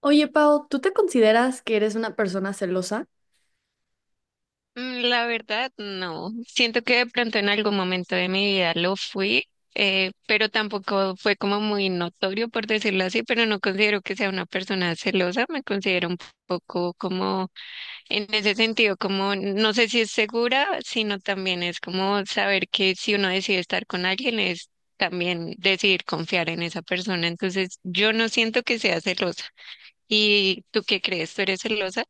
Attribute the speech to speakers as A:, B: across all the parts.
A: Oye, Pau, ¿tú te consideras que eres una persona celosa?
B: La verdad, no. Siento que de pronto en algún momento de mi vida lo fui. Pero tampoco fue como muy notorio, por decirlo así, pero no considero que sea una persona celosa. Me considero un poco como, en ese sentido, como, no sé si es segura, sino también es como saber que si uno decide estar con alguien es también decidir confiar en esa persona. Entonces, yo no siento que sea celosa. ¿Y tú qué crees? ¿Tú eres celosa?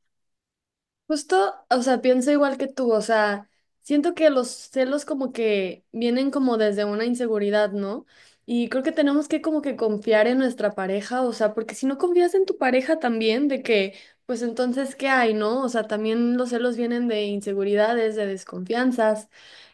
A: Justo, o sea, pienso igual que tú. O sea, siento que los celos como que vienen como desde una inseguridad, ¿no? Y creo que tenemos que como que confiar en nuestra pareja. O sea, porque si no confías en tu pareja también, de que, pues entonces, ¿qué hay, no? O sea, también los celos vienen de inseguridades, de desconfianzas.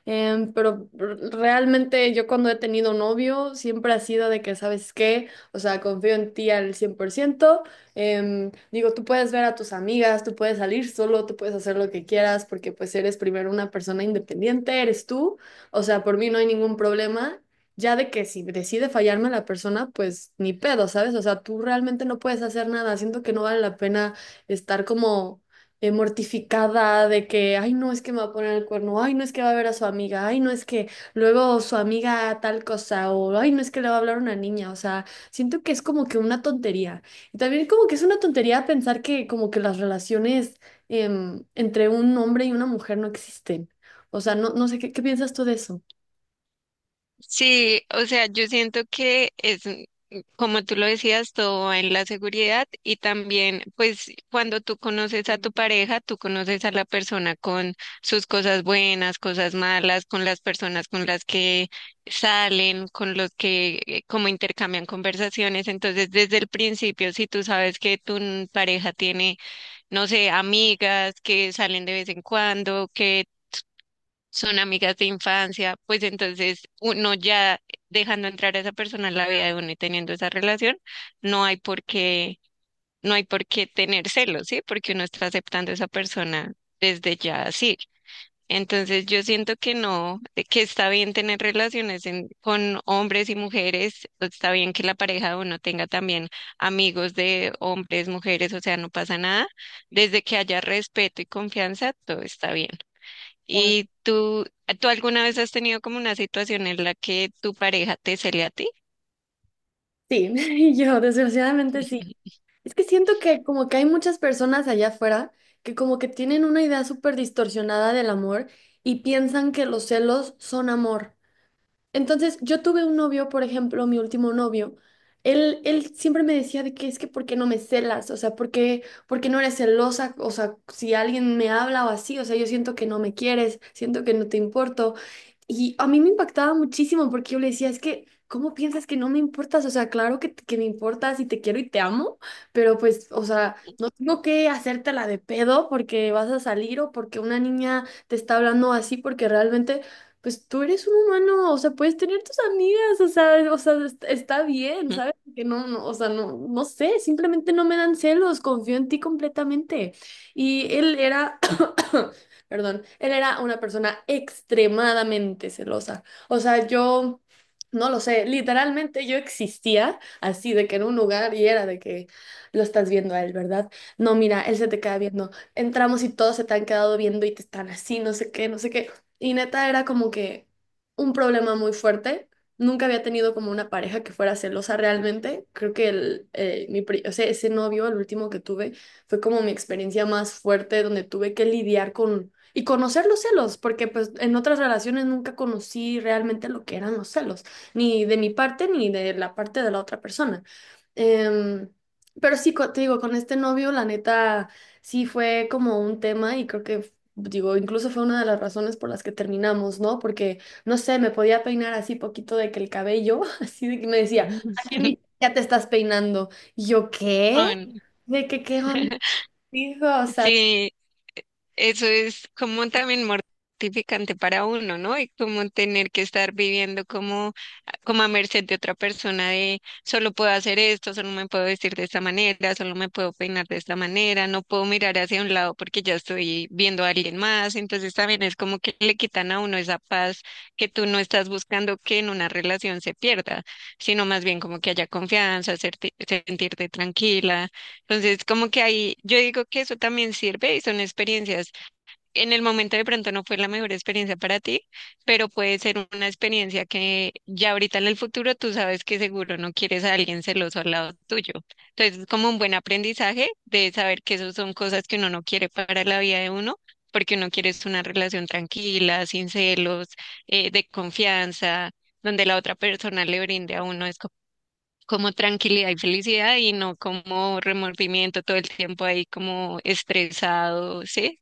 A: Pero realmente yo cuando he tenido novio siempre ha sido de que, ¿sabes qué? O sea, confío en ti al 100%. Digo, tú puedes ver a tus amigas, tú puedes salir solo, tú puedes hacer lo que quieras porque pues eres primero una persona independiente, eres tú. O sea, por mí no hay ningún problema. Ya de que si decide fallarme la persona, pues ni pedo, ¿sabes? O sea, tú realmente no puedes hacer nada. Siento que no vale la pena estar como mortificada de que, ay, no es que me va a poner el cuerno, ay, no es que va a ver a su amiga, ay, no es que luego su amiga tal cosa, o ay, no es que le va a hablar a una niña. O sea, siento que es como que una tontería. Y también como que es una tontería pensar que como que las relaciones entre un hombre y una mujer no existen. O sea, no, no sé, ¿qué piensas tú de eso?
B: Sí, o sea, yo siento que es, como tú lo decías, todo va en la seguridad y también, pues, cuando tú conoces a tu pareja, tú conoces a la persona con sus cosas buenas, cosas malas, con las personas con las que salen, con los que como intercambian conversaciones. Entonces, desde el principio, si tú sabes que tu pareja tiene, no sé, amigas que salen de vez en cuando, que son amigas de infancia, pues entonces uno ya dejando entrar a esa persona en la vida de uno y teniendo esa relación, no hay por qué, no hay por qué tener celos, ¿sí? Porque uno está aceptando a esa persona desde ya así. Entonces yo siento que no, de que está bien tener relaciones en- con hombres y mujeres, está bien que la pareja de uno tenga también amigos de hombres, mujeres, o sea, no pasa nada. Desde que haya respeto y confianza, todo está bien.
A: Ah,
B: ¿Y tú alguna vez has tenido como una situación en la que tu pareja te cele a ti?
A: sí, y yo desgraciadamente sí. Es que siento que como que hay muchas personas allá afuera que como que tienen una idea súper distorsionada del amor y piensan que los celos son amor. Entonces, yo tuve un novio, por ejemplo, mi último novio. Él siempre me decía de que es que ¿por qué no me celas? O sea, por qué no eres celosa? O sea, si alguien me habla o así, o sea, yo siento que no me quieres, siento que no te importo. Y a mí me impactaba muchísimo porque yo le decía, es que, ¿cómo piensas que no me importas? O sea, claro que me importas y te quiero y te amo, pero pues, o sea, no tengo que hacértela de pedo porque vas a salir o porque una niña te está hablando así, porque realmente pues tú eres un humano. O sea, puedes tener tus amigas. O sea, está bien, ¿sabes? Que no, no, o sea, no, no sé, simplemente no me dan celos, confío en ti completamente. Y él era, perdón, él era una persona extremadamente celosa. O sea, yo, no lo sé, literalmente yo existía así de que en un lugar y era de que lo estás viendo a él, ¿verdad? No, mira, él se te queda viendo. Entramos y todos se te han quedado viendo y te están así, no sé qué, no sé qué. Y neta era como que un problema muy fuerte. Nunca había tenido como una pareja que fuera celosa realmente. Creo que el, mi, o sea, ese novio, el último que tuve, fue como mi experiencia más fuerte donde tuve que lidiar con y conocer los celos, porque pues en otras relaciones nunca conocí realmente lo que eran los celos, ni de mi parte ni de la parte de la otra persona. Em, pero sí, te digo, con este novio, la neta, sí fue como un tema y creo que digo, incluso fue una de las razones por las que terminamos, ¿no? Porque, no sé, me podía peinar así poquito de que el cabello, así de que me decía, ¿a
B: Mm.
A: ya te estás peinando? Y yo, ¿qué?
B: Ah, no.
A: ¿De qué onda? Dijo, o sea,
B: Sí, eso es como también mortificante para uno, ¿no? Y como tener que estar viviendo como, como a merced de otra persona de solo puedo hacer esto, solo me puedo vestir de esta manera, solo me puedo peinar de esta manera, no puedo mirar hacia un lado porque ya estoy viendo a alguien más. Entonces también es como que le quitan a uno esa paz que tú no estás buscando que en una relación se pierda, sino más bien como que haya confianza, serte- sentirte tranquila. Entonces, como que ahí, yo digo que eso también sirve y son experiencias en el momento de pronto no fue la mejor experiencia para ti, pero puede ser una experiencia que ya ahorita en el futuro tú sabes que seguro no quieres a alguien celoso al lado tuyo. Entonces es como un buen aprendizaje de saber que esas son cosas que uno no quiere para la vida de uno, porque uno quiere es una relación tranquila, sin celos, de confianza, donde la otra persona le brinde a uno es co- como tranquilidad y felicidad y no como remordimiento todo el tiempo ahí como estresado, ¿sí?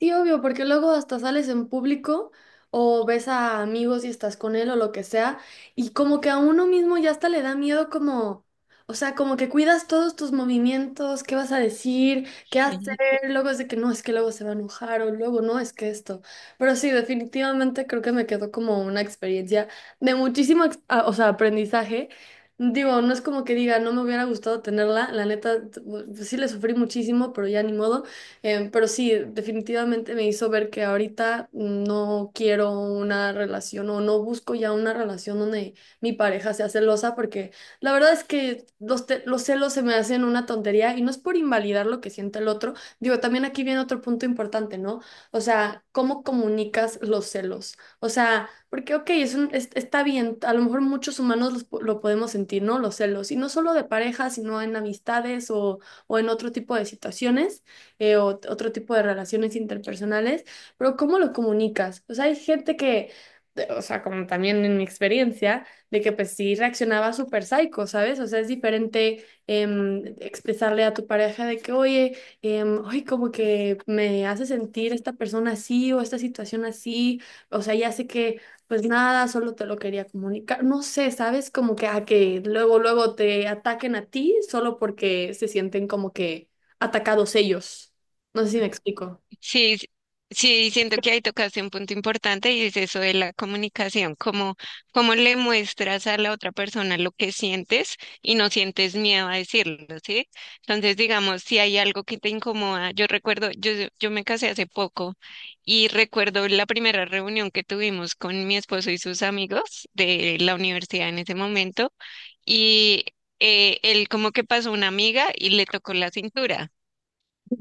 A: sí, obvio, porque luego hasta sales en público o ves a amigos y estás con él o lo que sea, y como que a uno mismo ya hasta le da miedo como, o sea, como que cuidas todos tus movimientos, qué vas a decir, qué hacer, luego es de que no, es que luego se va a enojar o luego no, es que esto. Pero sí, definitivamente creo que me quedó como una experiencia de muchísimo, o sea, aprendizaje. Digo, no es como que diga, no me hubiera gustado tenerla, la neta, pues, sí le sufrí muchísimo, pero ya ni modo. Pero sí, definitivamente me hizo ver que ahorita no quiero una relación o no busco ya una relación donde mi pareja sea celosa, porque la verdad es que los celos se me hacen una tontería y no es por invalidar lo que siente el otro. Digo, también aquí viene otro punto importante, ¿no? O sea, ¿cómo comunicas los celos? O sea, porque, ok, está bien, a lo mejor muchos humanos lo podemos sentir, ¿no? Los celos, y no solo de pareja, sino en amistades o en otro tipo de situaciones o otro tipo de relaciones interpersonales, pero ¿cómo lo comunicas? O sea, hay gente que, o sea, como también en mi experiencia, de que pues sí reaccionaba súper psycho, ¿sabes? O sea, es diferente expresarle a tu pareja de que, oye, ay, como que me hace sentir esta persona así o esta situación así. O sea, ya sé que pues nada, solo te lo quería comunicar, no sé, ¿sabes? Como que a que luego te ataquen a ti solo porque se sienten como que atacados ellos. No sé si me explico.
B: Sí, sí, siento que ahí tocaste un punto importante y es eso de la comunicación, cómo, cómo le muestras a la otra persona lo que sientes y no sientes miedo a decirlo, ¿sí? Entonces, digamos, si hay algo que te incomoda, yo recuerdo, yo me casé hace poco y recuerdo la primera reunión que tuvimos con mi esposo y sus amigos de la universidad en ese momento y él como que pasó una amiga y le tocó la cintura.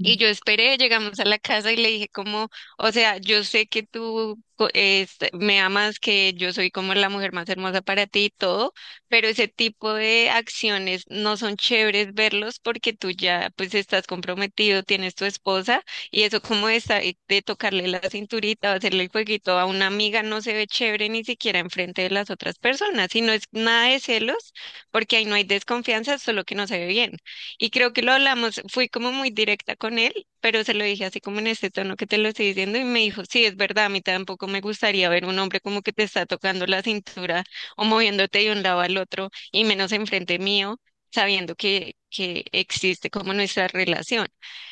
B: Y yo esperé, llegamos a la casa y le dije como, o sea, yo sé que tú co- es- me amas, que yo soy como la mujer más hermosa para ti y todo, pero ese tipo de acciones no son chéveres verlos porque tú ya pues estás comprometido, tienes tu esposa y eso como de, sa- de tocarle la cinturita o hacerle el jueguito a una amiga no se ve chévere ni siquiera enfrente de las otras personas y no es nada de celos porque ahí no hay desconfianza, solo que no se ve bien. Y creo que lo hablamos, fui como muy directa con él, pero se lo dije así como en este tono que te lo estoy diciendo y me dijo, sí, es verdad, a mí tampoco me gustaría ver un hombre como que te está tocando la cintura o moviéndote de un lado al otro y menos enfrente mío, sabiendo que existe como nuestra relación.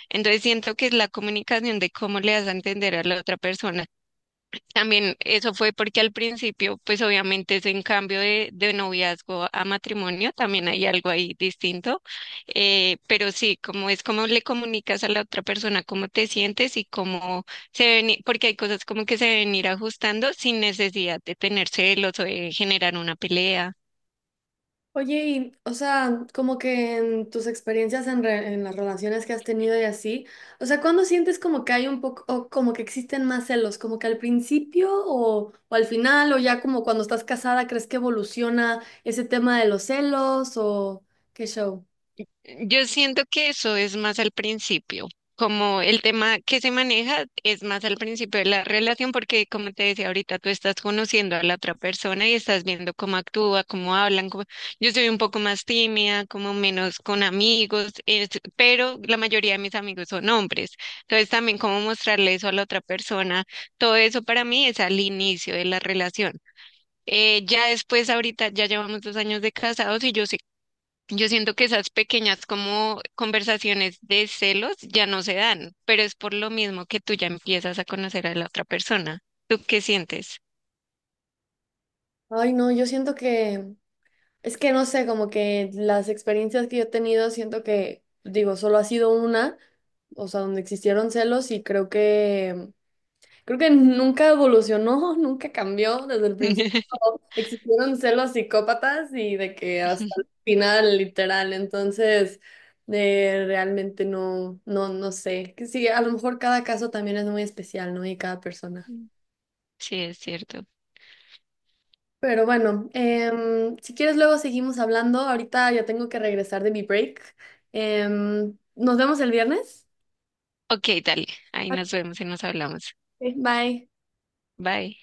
B: Entonces siento que es la comunicación de cómo le das a entender a la otra persona también eso fue porque al principio, pues obviamente es en cambio de noviazgo a matrimonio, también hay algo ahí distinto, pero sí, como es como le comunicas a la otra persona cómo te sientes y cómo se ven, i- porque hay cosas como que se deben ir ajustando sin necesidad de tener celos o de generar una pelea.
A: Oye, y, o sea, como que en tus experiencias en, en las relaciones que has tenido y así, o sea, ¿cuándo sientes como que hay un poco, o como que existen más celos? ¿Como que al principio o al final, o ya como cuando estás casada, crees que evoluciona ese tema de los celos o qué show?
B: Yo siento que eso es más al principio, como el tema que se maneja es más al principio de la relación, porque como te decía ahorita, tú estás conociendo a la otra persona y estás viendo cómo actúa, cómo hablan. Cómo- Yo soy un poco más tímida, como menos con amigos, es- pero la mayoría de mis amigos son hombres. Entonces también cómo mostrarle eso a la otra persona, todo eso para mí es al inicio de la relación. Ya después, ahorita ya llevamos 2 años de casados y yo siento que esas pequeñas como conversaciones de celos ya no se dan, pero es por lo mismo que tú ya empiezas a conocer a la otra persona. ¿Tú qué sientes?
A: Ay, no, yo siento que, es que no sé, como que las experiencias que yo he tenido, siento que, digo, solo ha sido una, o sea, donde existieron celos y creo que... Creo que nunca evolucionó, nunca cambió. Desde el principio existieron celos psicópatas y de que hasta el final, literal. Entonces, realmente no, no, no sé. Que sí, a lo mejor cada caso también es muy especial, ¿no? Y cada persona.
B: Sí, es cierto.
A: Pero bueno, si quieres luego seguimos hablando. Ahorita ya tengo que regresar de mi break. Nos vemos el viernes.
B: Ok, dale. Ahí nos vemos y nos hablamos.
A: Ok, bye.
B: Bye.